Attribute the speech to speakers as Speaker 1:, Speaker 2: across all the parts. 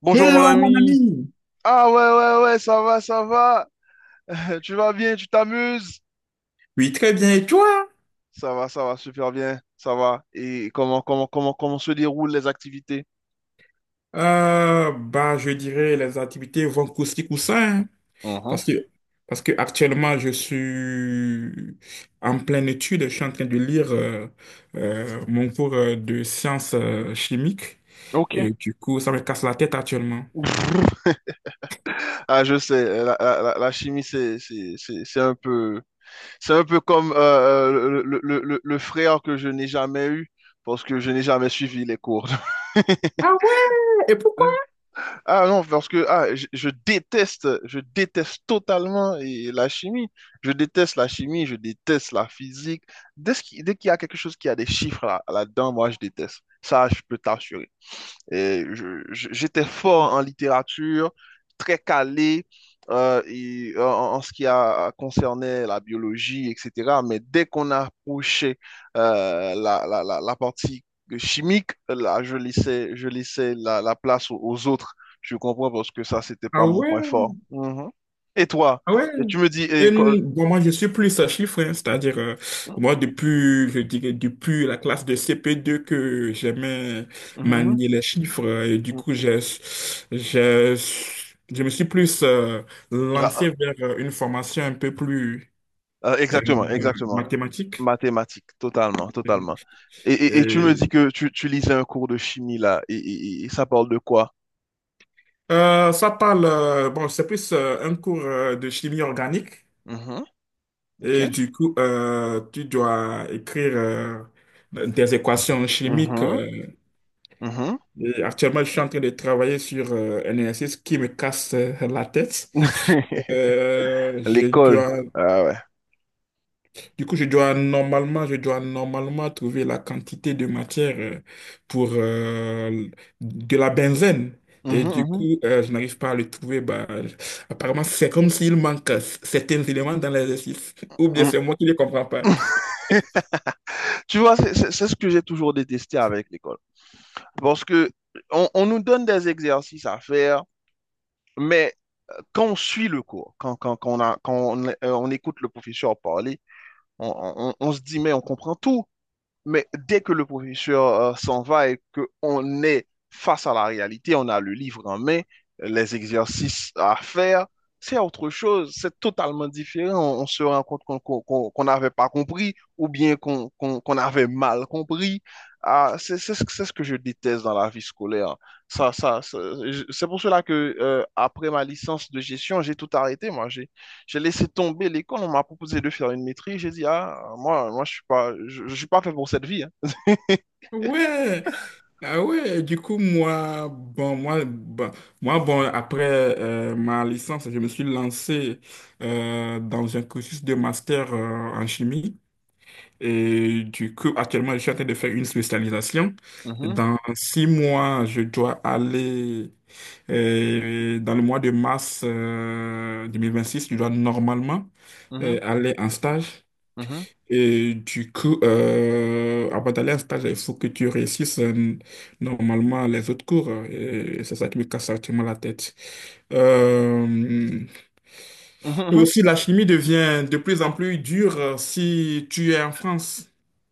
Speaker 1: Bonjour mon
Speaker 2: Hello, mon
Speaker 1: ami.
Speaker 2: ami.
Speaker 1: Ah, ouais, ouais, ouais, ça va, ça va. Tu vas bien, tu t'amuses?
Speaker 2: Oui, très bien. Et toi?
Speaker 1: Ça va, super bien, ça va. Et comment se déroulent les activités?
Speaker 2: Bah, je dirais les activités vont coussi coussin, hein,
Speaker 1: Mhm.
Speaker 2: parce que parce que actuellement je suis en pleine étude. Je suis en train de lire mon cours de sciences chimiques
Speaker 1: Ok.
Speaker 2: et du coup ça me casse la tête actuellement.
Speaker 1: Ah, je sais, la chimie, c'est un peu, c'est un peu comme le frère que je n'ai jamais eu parce que je n'ai jamais suivi les cours.
Speaker 2: Ah ouais, et pourquoi?
Speaker 1: Ah non, parce que ah, je déteste totalement et la chimie. Je déteste la chimie, je déteste la physique. Dès qu'il y a quelque chose qui a des chiffres là, là-dedans, moi, je déteste. Ça, je peux t'assurer. Et j'étais fort en littérature, très calé et, en, en ce qui a concerné la biologie, etc. Mais dès qu'on approchait la partie chimique, là, je laissais la place aux autres. Je comprends parce que ça, c'était
Speaker 2: Ah
Speaker 1: pas mon
Speaker 2: ouais.
Speaker 1: point fort. Mhm. Et toi,
Speaker 2: Ah ouais.
Speaker 1: et tu me dis,
Speaker 2: Bon, moi, je suis plus à chiffres, hein. C'est-à-dire, moi, depuis, je dirais, depuis la classe de CP2 que j'aimais
Speaker 1: Mhm,
Speaker 2: manier les chiffres, et du
Speaker 1: mhm.
Speaker 2: coup, j'ai- je me suis plus
Speaker 1: Ah, ah,
Speaker 2: lancé vers une formation un peu plus
Speaker 1: ah,
Speaker 2: euh,
Speaker 1: exactement, exactement.
Speaker 2: mathématique.
Speaker 1: Mathématiques, totalement, totalement. Et, et tu me dis
Speaker 2: Et,
Speaker 1: que tu lisais un cours de chimie là, et, et ça parle de quoi?
Speaker 2: ça parle, bon, c'est plus un cours de chimie organique.
Speaker 1: Mhm, ok.
Speaker 2: Et du coup, tu dois écrire des équations chimiques.
Speaker 1: Mhm,
Speaker 2: euh,
Speaker 1: mhm.
Speaker 2: et actuellement, je suis en train de travailler sur un exercice qui me casse la tête. Euh, je
Speaker 1: L'école.
Speaker 2: dois,
Speaker 1: Ah ouais.
Speaker 2: du coup, je dois normalement trouver la quantité de matière pour de la benzène. Et
Speaker 1: Mhm,
Speaker 2: du
Speaker 1: mhm,
Speaker 2: coup, je n'arrive pas à le trouver. Bah, apparemment, c'est comme s'il manque certains éléments dans l'exercice. Ou bien
Speaker 1: mhm.
Speaker 2: c'est moi qui ne les comprends pas.
Speaker 1: Tu vois, c'est ce que j'ai toujours détesté avec l'école. Parce que on nous donne des exercices à faire, mais quand on suit le cours, quand on a, quand on écoute le professeur parler, on se dit, mais on comprend tout. Mais dès que le professeur s'en va et qu'on est face à la réalité, on a le livre en main, les exercices à faire, c'est autre chose, c'est totalement différent. On se rend compte qu'on n'avait pas compris ou bien qu'on avait mal compris. Ah, c'est ce que je déteste dans la vie scolaire. Ça, ça, ça- c'est pour cela que après ma licence de gestion, j'ai tout arrêté. Moi, j'ai. J'ai laissé tomber l'école, on m'a proposé de faire une maîtrise. J'ai dit, ah, moi, je suis pas, je suis pas fait pour cette vie, hein.
Speaker 2: Ouais. Ah ouais, du coup, moi, bon, après ma licence, je me suis lancé dans un cursus de master en chimie. Et du coup, actuellement, je suis en train de faire une spécialisation.
Speaker 1: Mhm,
Speaker 2: Dans 6 mois, je dois aller, dans le mois de mars 2026, je dois normalement
Speaker 1: mhm,
Speaker 2: aller en stage.
Speaker 1: mhm,
Speaker 2: Et du coup, avant d'aller en stage, il faut que tu réussisses normalement les autres cours. Et c'est ça qui me casse actuellement la tête. Euh,
Speaker 1: mhm,
Speaker 2: et
Speaker 1: mhm.
Speaker 2: aussi, la chimie devient de plus en plus dure si tu es en France.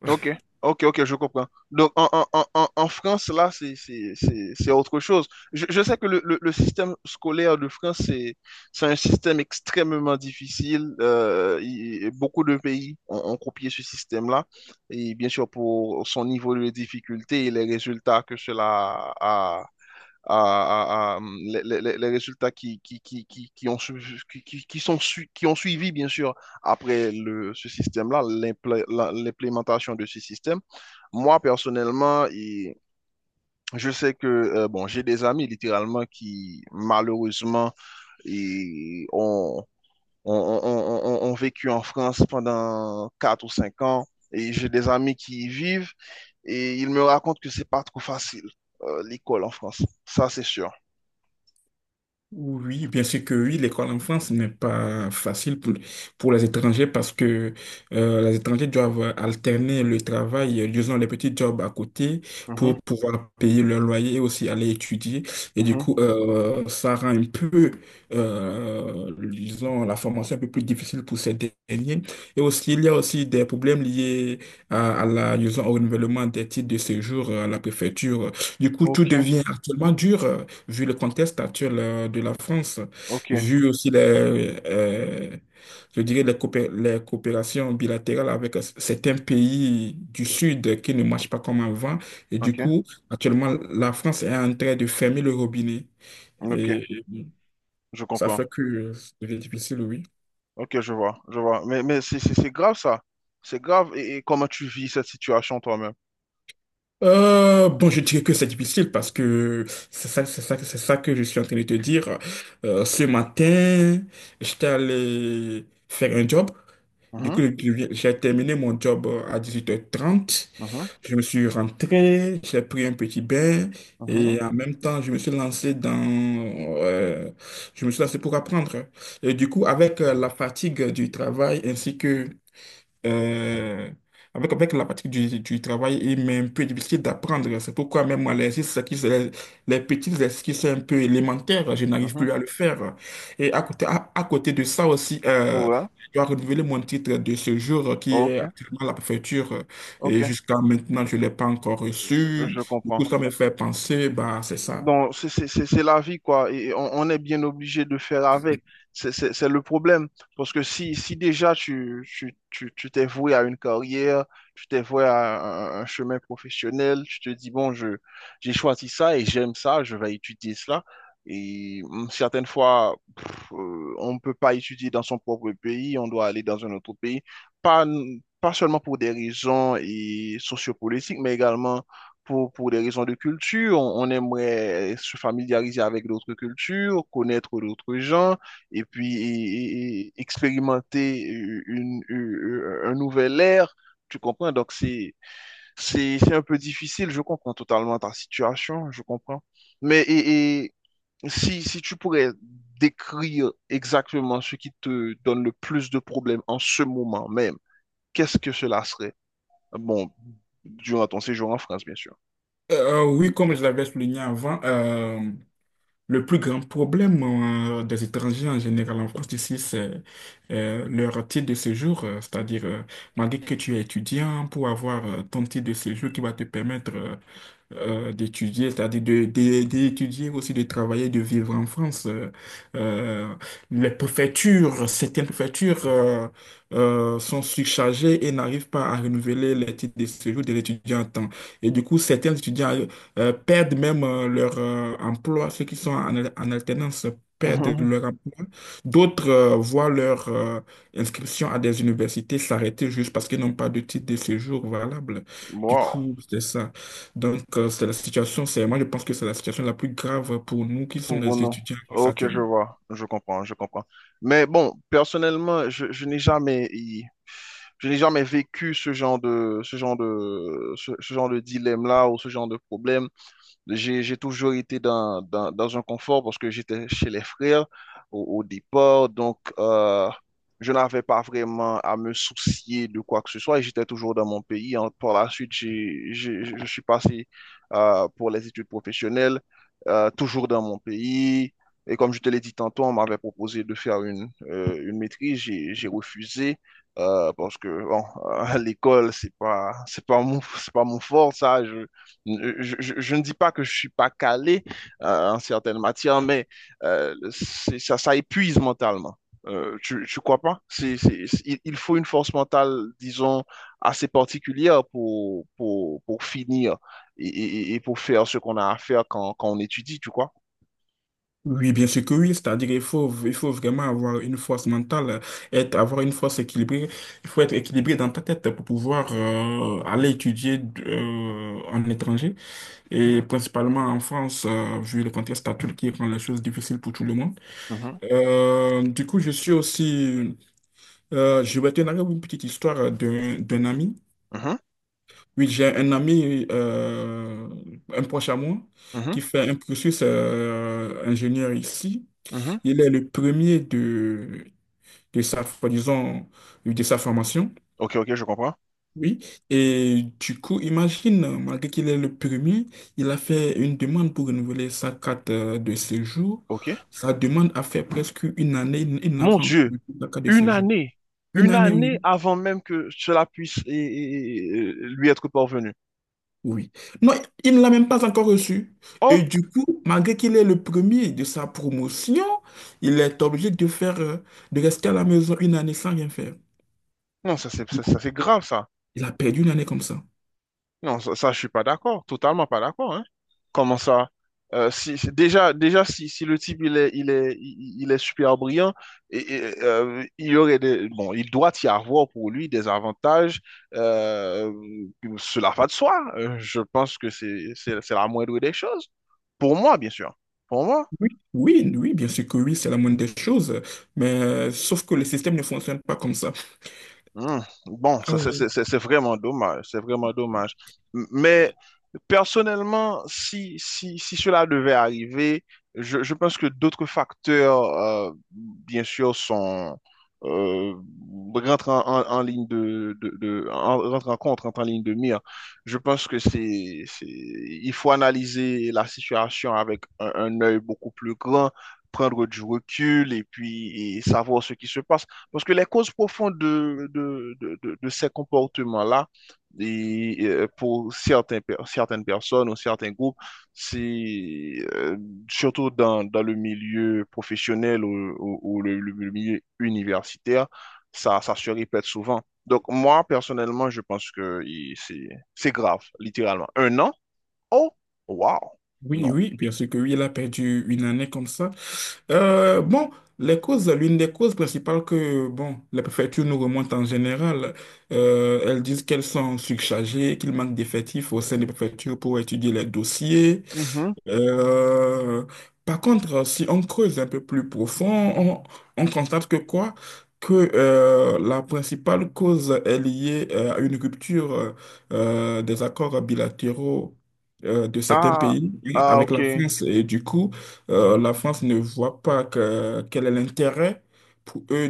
Speaker 1: Ok, ok, je comprends. Donc en France, là, c'est autre chose. Je sais que le système scolaire de France, c'est un système extrêmement difficile. Et beaucoup de pays ont, ont copié ce système-là. Et bien sûr, pour son niveau de difficulté et les résultats que cela a, à, les- résultats qui ont, qui sont qui ont suivi, bien sûr, après ce système-là, l'implémentation de ce système. Moi, personnellement, et je sais que bon, j'ai des amis littéralement qui, malheureusement, et ont vécu en France pendant 4 ou 5 ans, et j'ai des amis qui y vivent, et ils me racontent que c'est pas trop facile, l'école en France. Ça, c'est sûr.
Speaker 2: Oui, bien sûr que oui, l'école en France n'est pas facile pour les étrangers parce que les étrangers doivent alterner le travail, disons les petits jobs à côté
Speaker 1: Mhm,
Speaker 2: pour pouvoir payer leur loyer et aussi aller étudier. Et du
Speaker 1: mhm.
Speaker 2: coup, ça rend un peu, disons, la formation un peu plus difficile pour ces derniers. Et aussi, il y a aussi des problèmes liés à la, disons, au renouvellement des titres de séjour à la préfecture. Du coup, tout
Speaker 1: Ok,
Speaker 2: devient actuellement dur, vu le contexte actuel de la France,
Speaker 1: ok,
Speaker 2: vu aussi les, je dirais les, les coopérations bilatérales avec certains pays du Sud qui ne marchent pas comme avant. Et du
Speaker 1: ok,
Speaker 2: coup, actuellement, la France est en train de fermer le robinet.
Speaker 1: ok,
Speaker 2: Et
Speaker 1: je
Speaker 2: ça
Speaker 1: comprends.
Speaker 2: fait que c'est difficile, oui.
Speaker 1: Ok, je vois, je vois. Mais c'est grave ça. C'est grave. Et comment tu vis cette situation toi-même?
Speaker 2: Bon, je dirais que c'est difficile parce que c'est ça que je suis en train de te dire. Ce matin, j'étais allé faire un job. Du
Speaker 1: Mhm,
Speaker 2: coup, j'ai terminé mon job à 18h30.
Speaker 1: mhm,
Speaker 2: Je me suis rentré, j'ai pris un petit bain
Speaker 1: mhm,
Speaker 2: et en même temps, euh, je me suis lancé pour apprendre. Et du coup, avec la fatigue du travail ainsi que euh, avec la pratique du travail, il m'est un peu difficile d'apprendre. C'est pourquoi même moi, les petits exercices qui sont un peu élémentaires, je n'arrive
Speaker 1: mhm.
Speaker 2: plus à le faire. Et à côté, à côté de ça aussi,
Speaker 1: Ouais,
Speaker 2: je dois renouveler mon titre de séjour qui est
Speaker 1: ok,
Speaker 2: actuellement à la préfecture. Et
Speaker 1: ok,
Speaker 2: jusqu'à maintenant, je ne l'ai pas encore reçu.
Speaker 1: je
Speaker 2: Du coup,
Speaker 1: comprends.
Speaker 2: ça me fait penser, bah, c'est ça.
Speaker 1: Bon, c'est la vie, quoi. Et on est bien obligé de faire avec. C'est le problème. Parce que si, si déjà tu, tu, tu, tu t'es voué à une carrière, tu t'es voué à un chemin professionnel, tu te dis, bon, j'ai choisi ça et j'aime ça, je vais étudier cela. Et certaines fois, pff, on ne peut pas étudier dans son propre pays, on doit aller dans un autre pays. Pas, Pas seulement pour des raisons et sociopolitiques, mais également pour des raisons de culture, on aimerait se familiariser avec d'autres cultures, connaître d'autres gens et puis expérimenter un nouvel air. Tu comprends? Donc, c'est un peu difficile. Je comprends totalement ta situation. Je comprends. Mais et si, si tu pourrais décrire exactement ce qui te donne le plus de problèmes en ce moment même, qu'est-ce que cela serait? Bon, durant ton séjour en France, bien sûr.
Speaker 2: Oui, comme je l'avais souligné avant, le plus grand problème des étrangers en général en France ici, c'est leur titre de séjour, c'est-à-dire malgré que tu es étudiant, pour avoir ton titre de séjour qui va te permettre d'étudier, c'est-à-dire d'étudier aussi, de travailler, de vivre en France. Euh, les préfectures, certaines préfectures sont surchargées et n'arrivent pas à renouveler les titres de séjour de l'étudiant en temps. Et du coup, certains étudiants perdent même leur emploi, ceux qui sont en alternance perdent leur emploi. D'autres voient leur inscription à des universités s'arrêter juste parce qu'ils n'ont pas de titre de séjour valable. Du
Speaker 1: Wow,
Speaker 2: coup, c'est ça. Donc, c'est la situation, c'est, moi je pense que c'est la situation la plus grave pour nous qui sommes
Speaker 1: pour
Speaker 2: les
Speaker 1: nous.
Speaker 2: étudiants
Speaker 1: Ok, je
Speaker 2: actuellement.
Speaker 1: vois, je comprends, je comprends. Mais bon, personnellement, je n'ai jamais vécu ce genre de, ce genre de, ce genre de dilemme-là ou ce genre de problème. J'ai toujours été dans un confort parce que j'étais chez les frères au, au départ. Donc, je n'avais pas vraiment à me soucier de quoi que ce soit. Et j'étais toujours dans mon pays. Par la suite, je suis passé pour les études professionnelles, toujours dans mon pays. Et comme je te l'ai dit tantôt, on m'avait proposé de faire une maîtrise. J'ai refusé. Parce que bon, l'école, c'est pas mon fort, ça. Je ne dis pas que je suis pas calé en certaines matières, mais ça épuise mentalement. Tu crois pas? Il faut une force mentale, disons, assez particulière pour finir et, et pour faire ce qu'on a à faire quand, quand on étudie, tu crois?
Speaker 2: Oui, bien sûr que oui, c'est-à-dire il faut vraiment avoir une force mentale, être, avoir une force équilibrée. Il faut être équilibré dans ta tête pour pouvoir aller étudier en étranger et principalement en France, vu le contexte actuel qui rend les choses difficiles pour tout le monde.
Speaker 1: Mhm,
Speaker 2: Du coup, je suis aussi, je vais te narrer une petite histoire d'un ami.
Speaker 1: mhm,
Speaker 2: Oui, j'ai un ami, un proche à moi,
Speaker 1: mhm,
Speaker 2: qui fait un cursus ingénieur ici.
Speaker 1: mhm.
Speaker 2: Il est le premier de, sa, disons, de sa formation.
Speaker 1: Ok, ok, je comprends.
Speaker 2: Oui. Et du coup, imagine, malgré qu'il est le premier, il a fait une demande pour renouveler sa carte de séjour.
Speaker 1: Ok.
Speaker 2: Sa demande a fait presque 1 année. Il n'a
Speaker 1: Mon
Speaker 2: pas encore
Speaker 1: Dieu,
Speaker 2: eu sa carte de
Speaker 1: une
Speaker 2: séjour.
Speaker 1: année,
Speaker 2: Une
Speaker 1: une
Speaker 2: année,
Speaker 1: année
Speaker 2: oui.
Speaker 1: avant même que cela puisse lui être parvenu.
Speaker 2: Oui. Non, il ne l'a même pas encore reçu.
Speaker 1: Oh,
Speaker 2: Et du coup, malgré qu'il est le premier de sa promotion, il est obligé de rester à la maison 1 année sans rien faire.
Speaker 1: non, ça c'est
Speaker 2: Du
Speaker 1: ça,
Speaker 2: coup,
Speaker 1: ça, c'est grave ça.
Speaker 2: il a perdu 1 année comme ça.
Speaker 1: Non, je suis pas d'accord, totalement pas d'accord, hein. Comment ça? Si, déjà si, si le type il est, il est, il est super brillant, et, il y aurait des, bon, il doit y avoir pour lui des avantages, euh, cela va de soi. Je pense que c'est la moindre des choses. Pour moi, bien sûr. Pour moi.
Speaker 2: Oui, oui, oui, bien sûr que oui, c'est la moindre des choses, mais sauf que le système ne fonctionne pas comme ça.
Speaker 1: Hmm. Bon,
Speaker 2: Ah
Speaker 1: ça,
Speaker 2: oui.
Speaker 1: c'est vraiment dommage, c'est vraiment dommage. Mais personnellement, si cela devait arriver, je pense que d'autres facteurs, bien sûr, sont, euh, rentrent en ligne de, rentrent en compte, rentrent en ligne de mire. Je pense que il faut analyser la situation avec un œil beaucoup plus grand, prendre du recul et puis et savoir ce qui se passe. Parce que les causes profondes de ces comportements-là, et, pour certains, certaines personnes ou certains groupes, c'est surtout dans le milieu professionnel ou, ou le milieu universitaire, ça se répète souvent. Donc moi, personnellement, je pense que c'est grave, littéralement. Un an? Oh, wow,
Speaker 2: Oui,
Speaker 1: non.
Speaker 2: oui, bien sûr que oui, il a perdu une année comme ça. Bon, les causes, l'une des causes principales que, bon, les préfectures nous remontent en général, elles disent qu'elles sont surchargées, qu'il manque d'effectifs au sein des préfectures pour étudier les dossiers.
Speaker 1: Mhm.
Speaker 2: Euh, Par contre, si on creuse un peu plus profond, on, on constate que quoi? Que la principale cause est liée à une rupture des accords bilatéraux de certains
Speaker 1: Ah,
Speaker 2: pays
Speaker 1: ah,
Speaker 2: avec
Speaker 1: ok.
Speaker 2: la France. Et du coup, la France ne voit pas que, quel est l'intérêt pour eux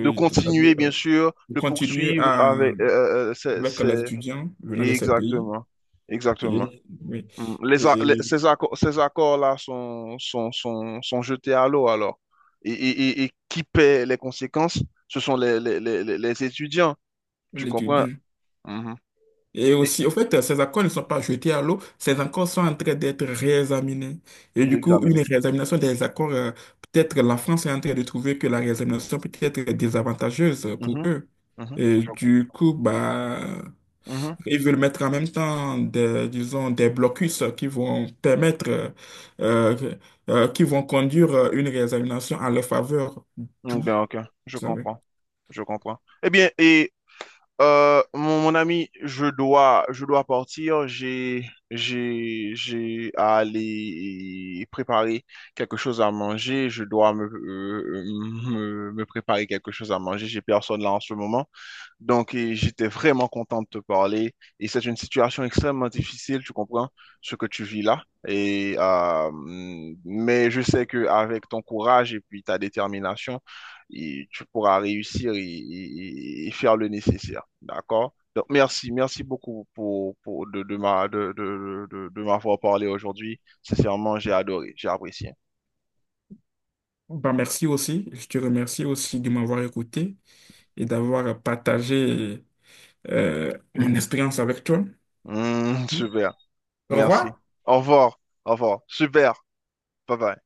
Speaker 1: De
Speaker 2: c'est-à-dire,
Speaker 1: continuer, bien sûr,
Speaker 2: de
Speaker 1: de
Speaker 2: continuer
Speaker 1: poursuivre
Speaker 2: à,
Speaker 1: avec,
Speaker 2: avec les étudiants venant de ces pays.
Speaker 1: Exactement. Exactement.
Speaker 2: Et, oui,
Speaker 1: Mm.
Speaker 2: et
Speaker 1: Ces accords, ces accords-là sont jetés à l'eau alors. Et, et qui paie les conséquences? Ce sont les étudiants. Tu comprends?
Speaker 2: l'étudiant.
Speaker 1: Mhm.
Speaker 2: Et
Speaker 1: Et
Speaker 2: aussi, au fait, ces accords ne sont pas jetés à l'eau, ces accords sont en train d'être réexaminés. Et du coup, une
Speaker 1: l'examiner.
Speaker 2: réexamination des accords, peut-être la France est en train de trouver que la réexamination peut être désavantageuse pour
Speaker 1: Mhm.
Speaker 2: eux.
Speaker 1: Mhm.
Speaker 2: Et
Speaker 1: Je comprends.
Speaker 2: du coup, bah,
Speaker 1: Mhm.
Speaker 2: ils veulent mettre en même temps des, disons, des blocus qui vont permettre, euh, qui vont conduire une réexamination en leur faveur.
Speaker 1: Mm,
Speaker 2: Tout,
Speaker 1: bien, ok. Je
Speaker 2: ça, oui.
Speaker 1: comprends. Je comprends. Eh bien, et euh, mon ami, je dois partir. J'ai à aller préparer quelque chose à manger. Je dois me préparer quelque chose à manger. J'ai personne là en ce moment. Donc, et j'étais vraiment content de te parler. Et c'est une situation extrêmement difficile, tu comprends, ce que tu vis là. Et, mais je sais qu'avec ton courage et puis ta détermination, et tu pourras réussir et, et faire le nécessaire. D'accord? Donc, merci, merci beaucoup pour de ma, de m'avoir parlé aujourd'hui. Sincèrement, j'ai adoré, j'ai apprécié.
Speaker 2: Bah, merci aussi. Je te remercie aussi de m'avoir écouté et d'avoir partagé mon expérience avec toi.
Speaker 1: Super,
Speaker 2: Au
Speaker 1: merci.
Speaker 2: revoir.
Speaker 1: Au revoir, au revoir. Super, bye bye.